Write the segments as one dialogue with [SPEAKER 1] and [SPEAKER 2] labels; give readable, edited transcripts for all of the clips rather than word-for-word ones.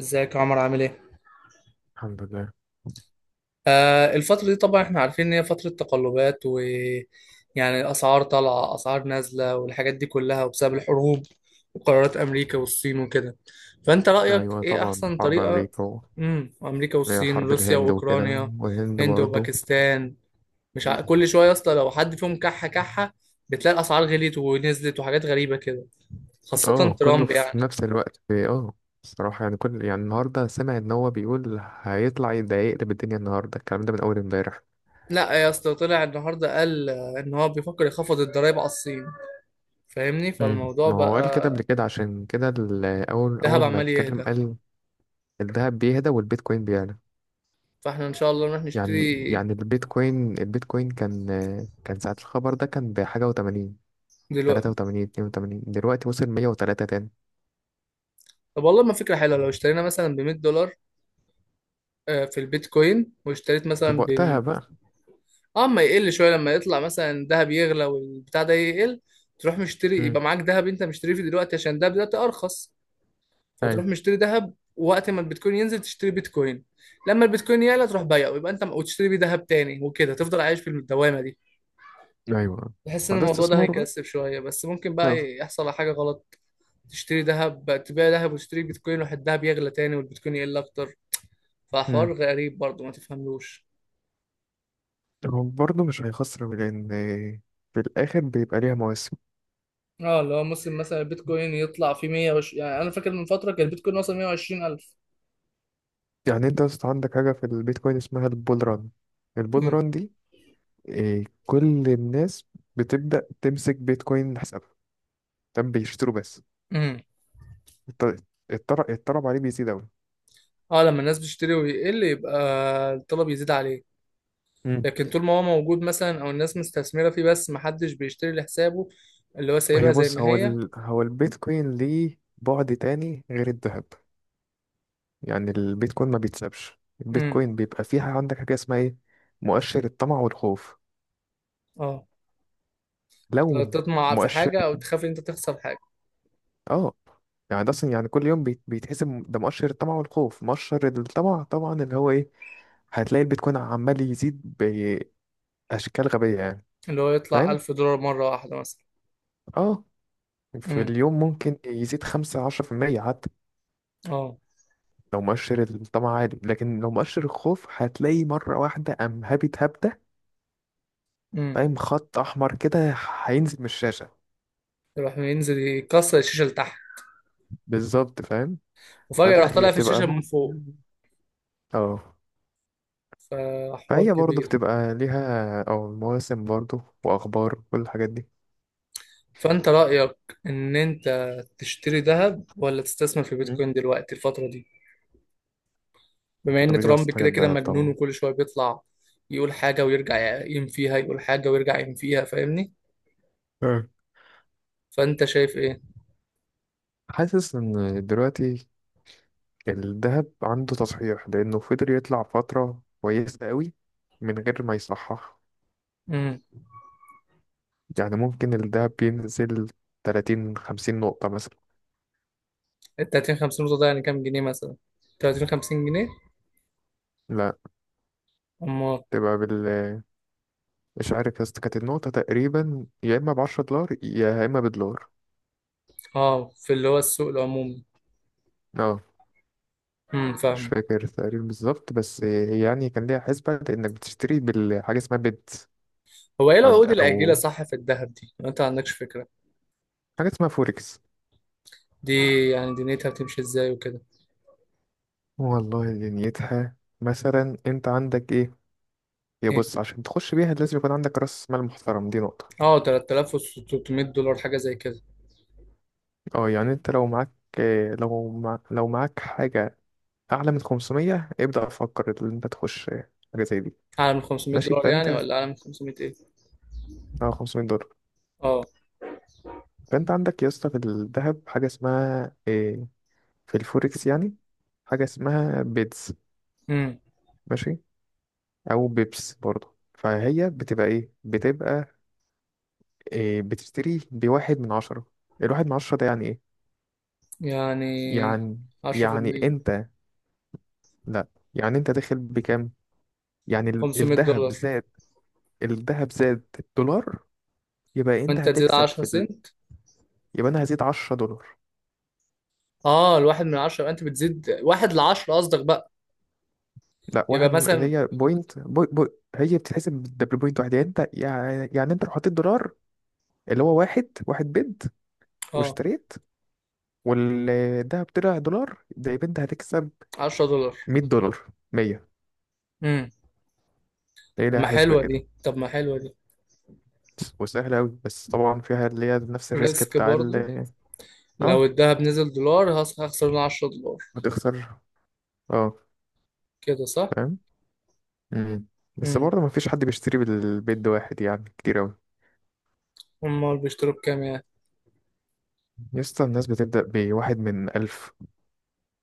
[SPEAKER 1] ازيك يا عمر، عامل ايه؟
[SPEAKER 2] الحمد لله.
[SPEAKER 1] آه، الفترة دي طبعا احنا عارفين ان هي فترة تقلبات و يعني اسعار طالعة، اسعار نازلة، والحاجات دي كلها، وبسبب الحروب وقرارات امريكا والصين وكده. فانت رأيك
[SPEAKER 2] أيوة،
[SPEAKER 1] ايه
[SPEAKER 2] طبعا
[SPEAKER 1] احسن
[SPEAKER 2] حرب
[SPEAKER 1] طريقة؟
[SPEAKER 2] أمريكا
[SPEAKER 1] امريكا
[SPEAKER 2] اللي هي
[SPEAKER 1] والصين،
[SPEAKER 2] حرب
[SPEAKER 1] روسيا
[SPEAKER 2] الهند وكده،
[SPEAKER 1] واوكرانيا.
[SPEAKER 2] والهند
[SPEAKER 1] هند
[SPEAKER 2] برضه.
[SPEAKER 1] وباكستان. مش كل شوية يا اسطى لو حد فيهم كحة كحة بتلاقي الاسعار غليت ونزلت، وحاجات غريبة كده. خاصة
[SPEAKER 2] اه كله
[SPEAKER 1] ترامب
[SPEAKER 2] في
[SPEAKER 1] يعني.
[SPEAKER 2] نفس الوقت الصراحة. يعني يعني النهاردة سمع إن هو بيقول هيطلع ده يقلب الدنيا، النهاردة الكلام ده من أول امبارح.
[SPEAKER 1] لا يا اسطى، طلع النهارده قال ان هو بيفكر يخفض الضرايب على الصين، فاهمني؟
[SPEAKER 2] مم.
[SPEAKER 1] فالموضوع
[SPEAKER 2] ما هو قال كده
[SPEAKER 1] بقى.
[SPEAKER 2] قبل كده، عشان كده ال- أول
[SPEAKER 1] الذهب
[SPEAKER 2] أول ما
[SPEAKER 1] عمال
[SPEAKER 2] اتكلم
[SPEAKER 1] يهدى،
[SPEAKER 2] قال الذهب بيهدى والبيتكوين بيعلى.
[SPEAKER 1] فاحنا ان شاء الله نروح
[SPEAKER 2] يعني
[SPEAKER 1] نشتري.
[SPEAKER 2] يعني البيتكوين كان ساعة الخبر ده كان بحاجة وتمانين، تلاتة
[SPEAKER 1] دلوقتي.
[SPEAKER 2] وتمانين 82، دلوقتي وصل 103 تاني.
[SPEAKER 1] طب والله ما فكرة حلوة، لو اشترينا مثلا ب 100 دولار في البيتكوين، واشتريت
[SPEAKER 2] بس
[SPEAKER 1] مثلا
[SPEAKER 2] بوقتها
[SPEAKER 1] ب...
[SPEAKER 2] بقى.
[SPEAKER 1] اه، ما يقل شوية لما يطلع مثلا الذهب يغلى والبتاع ده يقل. تروح مشتري،
[SPEAKER 2] امم.
[SPEAKER 1] يبقى معاك ذهب انت مشتريه في دلوقتي عشان ده دلوقتي ارخص. فتروح
[SPEAKER 2] ايوه،
[SPEAKER 1] مشتري ذهب، وقت ما البيتكوين ينزل تشتري بيتكوين. لما البيتكوين يعلى تروح بيعه، ويبقى انت وتشتري بيه ذهب تاني، وكده تفضل عايش في الدوامة دي.
[SPEAKER 2] ايوه،
[SPEAKER 1] بحس ان
[SPEAKER 2] ما ده
[SPEAKER 1] الموضوع ده
[SPEAKER 2] استثمار بقى.
[SPEAKER 1] هيكسب شوية، بس ممكن
[SPEAKER 2] آه.
[SPEAKER 1] بقى يحصل على حاجة غلط. تشتري ذهب، تبيع ذهب وتشتري بيتكوين، واحد الذهب يغلى تاني والبيتكوين يقل اكتر. فحوار
[SPEAKER 2] امم.
[SPEAKER 1] غريب برضه ما تفهملوش.
[SPEAKER 2] هو برضه مش هيخسر، لان في الاخر بيبقى ليها مواسم.
[SPEAKER 1] اه، اللي هو ممكن مثلا البيتكوين يطلع في 120. يعني انا فاكر من فتره كان البيتكوين وصل 120000.
[SPEAKER 2] يعني انت اصلا عندك حاجه في البيتكوين اسمها البول ران. البول
[SPEAKER 1] امم.
[SPEAKER 2] ران دي كل الناس بتبدا تمسك بيتكوين، حسابها تم بيشتروا بس.
[SPEAKER 1] امم.
[SPEAKER 2] الط- الطلب عليه بيزيد قوي.
[SPEAKER 1] اه، لما الناس بتشتري ويقل يبقى الطلب يزيد عليه.
[SPEAKER 2] امم.
[SPEAKER 1] لكن طول ما هو موجود مثلا او الناس مستثمره فيه بس ما حدش بيشتري لحسابه، اللي هو
[SPEAKER 2] هي
[SPEAKER 1] سايبها زي
[SPEAKER 2] بص،
[SPEAKER 1] ما هي.
[SPEAKER 2] هو البيتكوين ليه بعد تاني غير الذهب. يعني البيتكوين ما بيتسابش،
[SPEAKER 1] امم.
[SPEAKER 2] البيتكوين بيبقى فيها عندك حاجة اسمها ايه؟ مؤشر الطمع والخوف.
[SPEAKER 1] اه،
[SPEAKER 2] لو
[SPEAKER 1] تطمع في
[SPEAKER 2] مؤشر
[SPEAKER 1] حاجه او تخاف ان انت تخسر حاجه.
[SPEAKER 2] اه يعني ده اصلا، يعني كل يوم بيتحسب، ده مؤشر الطمع والخوف. مؤشر الطمع طبعا اللي هو ايه؟ هتلاقي البيتكوين عمال يزيد بأشكال غبية يعني.
[SPEAKER 1] اللي هو يطلع
[SPEAKER 2] فاهم.
[SPEAKER 1] 1000 دولار مره واحده مثلا.
[SPEAKER 2] اه في
[SPEAKER 1] امم.
[SPEAKER 2] اليوم ممكن يزيد 15% حتى
[SPEAKER 1] اه،
[SPEAKER 2] لو مؤشر الطمع عالي. لكن لو مؤشر الخوف، هتلاقي مرة واحدة قام هابت هبدة. فاهم؟ خط أحمر كده هينزل من الشاشة.
[SPEAKER 1] يروح ينزل يكسر الشاشة لتحت.
[SPEAKER 2] بالظبط، فاهم.
[SPEAKER 1] وفجأة راح
[SPEAKER 2] فلا، هي
[SPEAKER 1] طالع في
[SPEAKER 2] بتبقى
[SPEAKER 1] الشاشة من فوق.
[SPEAKER 2] موسم. اه
[SPEAKER 1] فحوار
[SPEAKER 2] فهي برضه
[SPEAKER 1] كبير.
[SPEAKER 2] بتبقى ليها او مواسم، برضه واخبار، كل الحاجات دي.
[SPEAKER 1] فأنت رأيك إن أنت تشتري ذهب ولا تستثمر في
[SPEAKER 2] مم.
[SPEAKER 1] بيتكوين دلوقتي الفترة دي، بما إن
[SPEAKER 2] الفترة دي احسن
[SPEAKER 1] ترامب
[SPEAKER 2] حاجة
[SPEAKER 1] كده كده
[SPEAKER 2] الدهب
[SPEAKER 1] مجنون
[SPEAKER 2] طبعا.
[SPEAKER 1] وكل شوية بيطلع يقول حاجة ويرجع يقيم فيها، يقول حاجة ويرجع يقيم فيها، فاهمني؟
[SPEAKER 2] اه
[SPEAKER 1] فأنت شايف إيه؟
[SPEAKER 2] حاسس ان دلوقتي الدهب عنده تصحيح، لانه فضل يطلع فترة كويسة قوي من غير ما يصحح.
[SPEAKER 1] امم
[SPEAKER 2] يعني ممكن الدهب بينزل 30 50 نقطة مثلا.
[SPEAKER 1] ال 30 50 نقطة ده يعني كام جنيه مثلا؟ 30 50 جنيه؟
[SPEAKER 2] لا،
[SPEAKER 1] أما...
[SPEAKER 2] تبقى بال مش عارف يا اسطى، كانت النقطة تقريبا يا اما ب $10 يا اما بدولار.
[SPEAKER 1] آه، في اللي هو السوق العمومي.
[SPEAKER 2] اه
[SPEAKER 1] امم.
[SPEAKER 2] مش
[SPEAKER 1] فاهم.
[SPEAKER 2] فاكر تقريبا بالظبط، بس يعني كان ليها حسبة إنك بتشتري بالحاجة اسمها بت
[SPEAKER 1] هو إيه
[SPEAKER 2] أو
[SPEAKER 1] العقود الآجلة
[SPEAKER 2] أو
[SPEAKER 1] صح في الذهب دي؟ أنت ما عندكش فكرة
[SPEAKER 2] حاجة اسمها فوركس.
[SPEAKER 1] دي؟ يعني دنيتها بتمشي ازاي وكده.
[SPEAKER 2] والله دنيتها مثلا أنت عندك إيه؟ يا
[SPEAKER 1] ايه؟
[SPEAKER 2] بص، عشان تخش بيها لازم يكون عندك رأس مال محترم، دي نقطة.
[SPEAKER 1] اه، 3600 دولار حاجة زي كده.
[SPEAKER 2] اه يعني أنت لو معاك، لو معاك حاجة أعلى من 500 ابدأ فكر إن أنت تخش حاجة زي دي.
[SPEAKER 1] اعلى من 500
[SPEAKER 2] ماشي
[SPEAKER 1] دولار
[SPEAKER 2] فأنت،
[SPEAKER 1] يعني، ولا اعلى من 500 ايه؟
[SPEAKER 2] اه $500.
[SPEAKER 1] اه.
[SPEAKER 2] فأنت عندك يا اسطى في الذهب حاجة اسمها إيه؟ في الفوركس يعني، حاجة اسمها بيتز.
[SPEAKER 1] امم
[SPEAKER 2] ماشي. او بيبس، برضه فهي بتبقى ايه بتبقى إيه بتشتري بواحد من عشرة. الواحد من عشرة ده يعني ايه؟
[SPEAKER 1] يعني
[SPEAKER 2] يعني يعني
[SPEAKER 1] 10%
[SPEAKER 2] انت، لا، يعني انت داخل بكام؟ يعني
[SPEAKER 1] 500
[SPEAKER 2] الذهب
[SPEAKER 1] دولار
[SPEAKER 2] زاد، الذهب زاد الدولار، يبقى انت
[SPEAKER 1] وانت تزيد
[SPEAKER 2] هتكسب
[SPEAKER 1] 10 سنت؟
[SPEAKER 2] يبقى انا هزيد $10.
[SPEAKER 1] اه، الواحد من 10 انت بتزيد واحد ل 10 قصدك بقى؟
[SPEAKER 2] لا،
[SPEAKER 1] يبقى
[SPEAKER 2] واحد من،
[SPEAKER 1] مثلا
[SPEAKER 2] هي هي بتتحسب بالدبل بوينت واحد. يعني انت، يعني انت لو حطيت دولار، اللي هو واحد واحد بيد،
[SPEAKER 1] اه،
[SPEAKER 2] واشتريت والذهب طلع دولار، ده يبقى انت هتكسب
[SPEAKER 1] 10 دولار.
[SPEAKER 2] $100. 100.
[SPEAKER 1] امم.
[SPEAKER 2] تلاقي
[SPEAKER 1] طب
[SPEAKER 2] لها
[SPEAKER 1] ما
[SPEAKER 2] حسبة
[SPEAKER 1] حلوة
[SPEAKER 2] كده،
[SPEAKER 1] دي، طب ما حلوة دي.
[SPEAKER 2] وسهلة أوي. بس طبعا فيها اللي هي نفس الريسك
[SPEAKER 1] ريسك
[SPEAKER 2] بتاع
[SPEAKER 1] برضو،
[SPEAKER 2] ال
[SPEAKER 1] لو
[SPEAKER 2] اه
[SPEAKER 1] الذهب نزل دولار هخسر 10 دولار،
[SPEAKER 2] هتخسر. اه،
[SPEAKER 1] كده صح؟
[SPEAKER 2] فاهم. مم. بس
[SPEAKER 1] امم.
[SPEAKER 2] برضه مفيش حد بيشتري بالبيت ده واحد، يعني كتير أوي.
[SPEAKER 1] امال بيشتروا بكام يعني؟
[SPEAKER 2] يسطا الناس بتبدأ بواحد من ألف،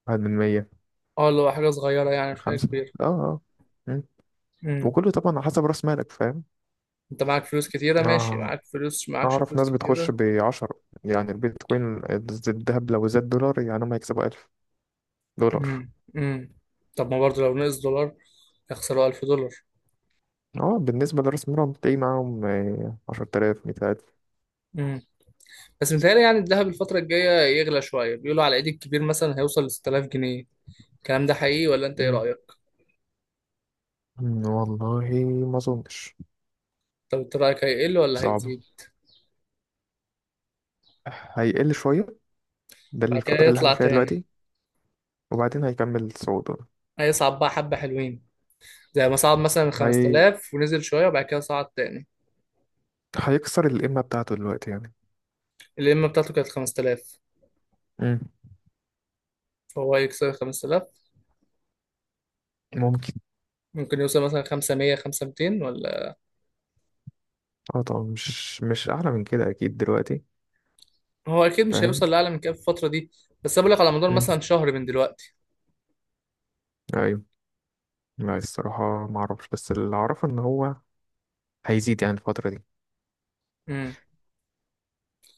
[SPEAKER 2] واحد من مية،
[SPEAKER 1] اه، اللي هو حاجة صغيرة يعني، مش حاجة
[SPEAKER 2] خمسة.
[SPEAKER 1] كبيرة.
[SPEAKER 2] اه، اه. مم.
[SPEAKER 1] امم.
[SPEAKER 2] وكله طبعا على حسب رأس مالك، فاهم.
[SPEAKER 1] انت معاك فلوس كتيرة، ماشي،
[SPEAKER 2] اه
[SPEAKER 1] معاك فلوس معاكش
[SPEAKER 2] أعرف
[SPEAKER 1] فلوس
[SPEAKER 2] ناس بتخش
[SPEAKER 1] كتيرة.
[SPEAKER 2] بـ10، يعني البيتكوين، الذهب لو زاد دولار يعني هم هيكسبوا $1000.
[SPEAKER 1] امم. امم. طب ما برضه لو نقص دولار يخسروا 1000 دولار.
[SPEAKER 2] اه بالنسبة لرأس المال تلاقي معاهم 10,000، 100,000.
[SPEAKER 1] امم. بس متهيألي يعني الذهب الفترة الجاية يغلى شوية، بيقولوا على العيد الكبير مثلا هيوصل ل 6000 جنيه. الكلام ده حقيقي ولا انت ايه
[SPEAKER 2] مم.
[SPEAKER 1] رأيك؟
[SPEAKER 2] والله ما أظنش.
[SPEAKER 1] طب انت رأيك هيقل ولا
[SPEAKER 2] صعب.
[SPEAKER 1] هيزيد؟
[SPEAKER 2] هيقل شوية، ده
[SPEAKER 1] بعد كده
[SPEAKER 2] الفترة اللي احنا
[SPEAKER 1] يطلع
[SPEAKER 2] فيها
[SPEAKER 1] تاني؟
[SPEAKER 2] دلوقتي، وبعدين هيكمل صعوده.
[SPEAKER 1] هيصعد بقى حبة حلوين، زي ما صعد مثلا
[SPEAKER 2] هي...
[SPEAKER 1] 5000 ونزل شوية وبعد كده صعد تاني.
[SPEAKER 2] هيكسر القمة بتاعته دلوقتي يعني.
[SPEAKER 1] القمة بتاعته كانت 5000،
[SPEAKER 2] مم.
[SPEAKER 1] فهو هيكسر 5000؟
[SPEAKER 2] ممكن.
[SPEAKER 1] ممكن يوصل مثلا 500 500، ولا؟
[SPEAKER 2] اه طبعا مش أعلى من كده أكيد دلوقتي.
[SPEAKER 1] هو اكيد مش
[SPEAKER 2] فاهم.
[SPEAKER 1] هيوصل لاعلى من كده في الفتره دي. بس انا بقول لك على مدار
[SPEAKER 2] مم.
[SPEAKER 1] مثلا شهر من دلوقتي.
[SPEAKER 2] أيوه. لا، الصراحة ما أعرفش، بس اللي أعرفه إن هو هيزيد يعني الفترة دي.
[SPEAKER 1] امم.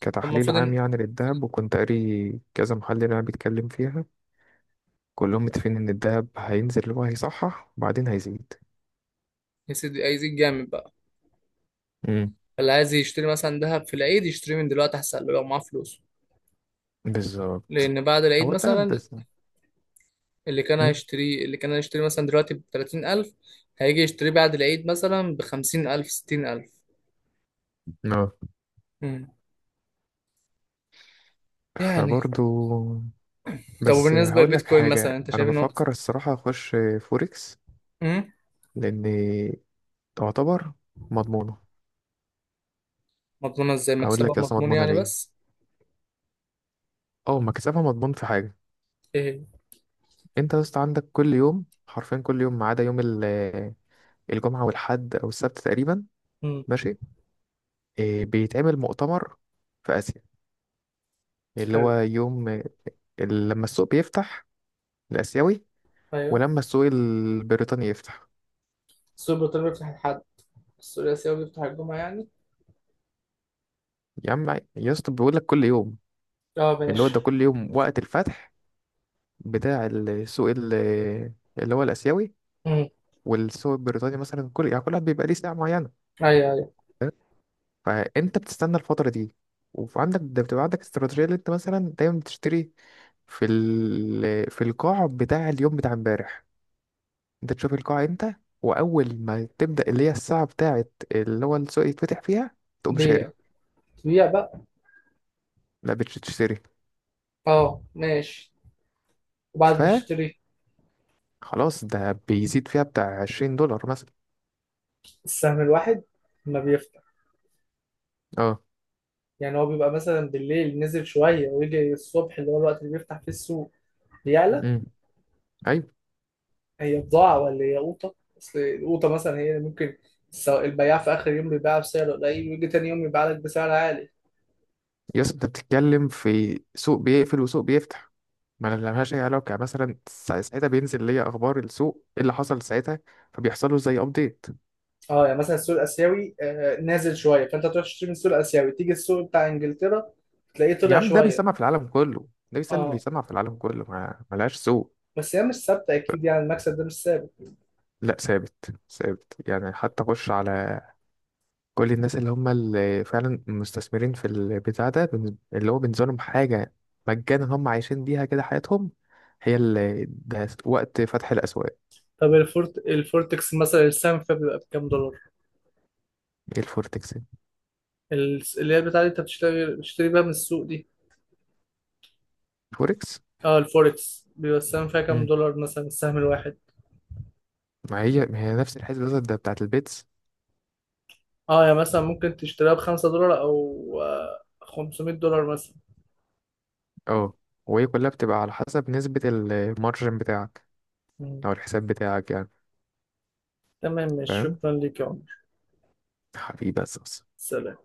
[SPEAKER 2] كتحليل
[SPEAKER 1] فالمفروض
[SPEAKER 2] عام
[SPEAKER 1] ان...
[SPEAKER 2] يعني للذهب، وكنت قاري كذا محلل يعني بيتكلم فيها، كلهم متفقين ان الدهب هينزل، اللي هو هيصحح وبعدين هيزيد.
[SPEAKER 1] يا سيدي هيزيد جامد بقى.
[SPEAKER 2] امم.
[SPEAKER 1] اللي عايز يشتري مثلا ذهب في العيد يشتريه من دلوقتي احسن له لو معاه فلوس.
[SPEAKER 2] بالظبط.
[SPEAKER 1] لان بعد العيد
[SPEAKER 2] هو الدهب
[SPEAKER 1] مثلا،
[SPEAKER 2] بس.
[SPEAKER 1] اللي كان
[SPEAKER 2] امم.
[SPEAKER 1] هيشتريه، اللي كان هيشتري مثلا دلوقتي ب 30000 هيجي يشتريه بعد العيد مثلا ب 50000، 60000.
[SPEAKER 2] اه
[SPEAKER 1] امم. يعني...
[SPEAKER 2] فبرضو،
[SPEAKER 1] طب
[SPEAKER 2] بس
[SPEAKER 1] وبالنسبه
[SPEAKER 2] هقول لك
[SPEAKER 1] للبيتكوين
[SPEAKER 2] حاجة،
[SPEAKER 1] مثلا انت
[SPEAKER 2] انا
[SPEAKER 1] شايف انه...
[SPEAKER 2] بفكر الصراحة اخش فوركس.
[SPEAKER 1] امم.
[SPEAKER 2] لان تعتبر مضمونة.
[SPEAKER 1] مضمونه ازاي،
[SPEAKER 2] هقول
[SPEAKER 1] مكسبها
[SPEAKER 2] لك اصلا
[SPEAKER 1] مضمون
[SPEAKER 2] مضمونة
[SPEAKER 1] يعني
[SPEAKER 2] ليه،
[SPEAKER 1] بس؟
[SPEAKER 2] او مكسبها مضمون في حاجة.
[SPEAKER 1] ايه.
[SPEAKER 2] انت يا اسطى عندك كل يوم، حرفيا كل يوم ما عدا يوم الجمعة والحد او السبت تقريبا.
[SPEAKER 1] امم.
[SPEAKER 2] ماشي. بيتعمل مؤتمر في اسيا، اللي هو
[SPEAKER 1] حلو.
[SPEAKER 2] يوم لما السوق بيفتح، الآسيوي.
[SPEAKER 1] ايوه.
[SPEAKER 2] ولما السوق البريطاني يفتح.
[SPEAKER 1] السوبر ايطالي بيفتح الحد. السوري الاسيوي بيفتح الجمعة يعني.
[SPEAKER 2] يا عم، يا اسطى بيقول لك كل يوم،
[SPEAKER 1] اه،
[SPEAKER 2] اللي هو
[SPEAKER 1] ماشي.
[SPEAKER 2] ده كل يوم وقت الفتح، بتاع السوق اللي هو الآسيوي.
[SPEAKER 1] امم.
[SPEAKER 2] والسوق البريطاني مثلا، كل، يعني كل واحد بيبقى ليه ساعة معينة.
[SPEAKER 1] ايوه، ايوه.
[SPEAKER 2] فاهم؟ فأنت بتستنى الفترة دي، وعندك ده بتبقى عندك استراتيجية اللي أنت مثلا دايما بتشتري في القاع بتاع اليوم، بتاع امبارح. أنت تشوف القاع أنت، وأول ما تبدأ، اللي هي الساعة بتاعت اللي هو السوق يتفتح فيها، تقوم
[SPEAKER 1] بيع.
[SPEAKER 2] شاري.
[SPEAKER 1] بيع بقى.
[SPEAKER 2] لا، بتشتري.
[SPEAKER 1] اه، ماشي. وبعد
[SPEAKER 2] ف
[SPEAKER 1] نشتري.
[SPEAKER 2] خلاص، ده بيزيد فيها بتاع $20 مثلا.
[SPEAKER 1] السهم الواحد ما بيفتح؟
[SPEAKER 2] اه.
[SPEAKER 1] يعني هو بيبقى مثلا بالليل نزل شوية، ويجي الصبح اللي هو الوقت اللي بيفتح فيه السوق بيعلى.
[SPEAKER 2] امم. ايوه.
[SPEAKER 1] هي بضاعة ولا هي قوطة؟ أصل القوطة مثلا هي ممكن البياع في آخر يوم بيبيعها بسعر قليل، ويجي تاني يوم يبيع لك بسعر عالي.
[SPEAKER 2] يا اسطى انت بتتكلم في سوق بيقفل وسوق بيفتح، ما لهاش اي علاقه. يعني مثلا ساعتها بينزل ليا اخبار السوق، ايه اللي حصل ساعتها، فبيحصل له زي ابديت.
[SPEAKER 1] اه، يعني مثلا السوق الآسيوي نازل شوية، فأنت تروح تشتري من السوق الآسيوي، تيجي السوق بتاع إنجلترا تلاقيه
[SPEAKER 2] يا
[SPEAKER 1] طلع
[SPEAKER 2] عم، ده
[SPEAKER 1] شوية.
[SPEAKER 2] بيسمع في العالم كله. ده
[SPEAKER 1] اه،
[SPEAKER 2] بيسمع في العالم كله، ما ملهاش سوق.
[SPEAKER 1] بس هي مش ثابته اكيد يعني، المكسب ده مش ثابت.
[SPEAKER 2] لا، ثابت ثابت يعني. حتى خش على كل الناس اللي هم اللي فعلا مستثمرين في البتاع ده اللي هو بالنسبة لهم حاجة مجانا، هم عايشين بيها كده حياتهم. هي اللي ده وقت فتح الأسواق.
[SPEAKER 1] طب الفورتكس مثلا السهم فيها بيبقى بكام دولار؟
[SPEAKER 2] ايه الفوركس؟
[SPEAKER 1] اللي هي بتاعت انت بتشتري بيها من السوق دي.
[SPEAKER 2] الفوركس.
[SPEAKER 1] اه، الفوركس بيبقى السهم فيها كام
[SPEAKER 2] مم.
[SPEAKER 1] دولار مثلا، السهم الواحد؟
[SPEAKER 2] ما هي نفس الحسبة بالظبط، ده بتاعة البيتس.
[SPEAKER 1] اه، يعني مثلا ممكن تشتريها ب5 دولار او 500 دولار مثلا.
[SPEAKER 2] اه وهي كلها بتبقى على حسب نسبة المارجن بتاعك،
[SPEAKER 1] مم.
[SPEAKER 2] أو الحساب بتاعك يعني.
[SPEAKER 1] تمام، ماشي،
[SPEAKER 2] فاهم.
[SPEAKER 1] شكرا ليك يا عمر.
[SPEAKER 2] حبيبي بس.
[SPEAKER 1] سلام.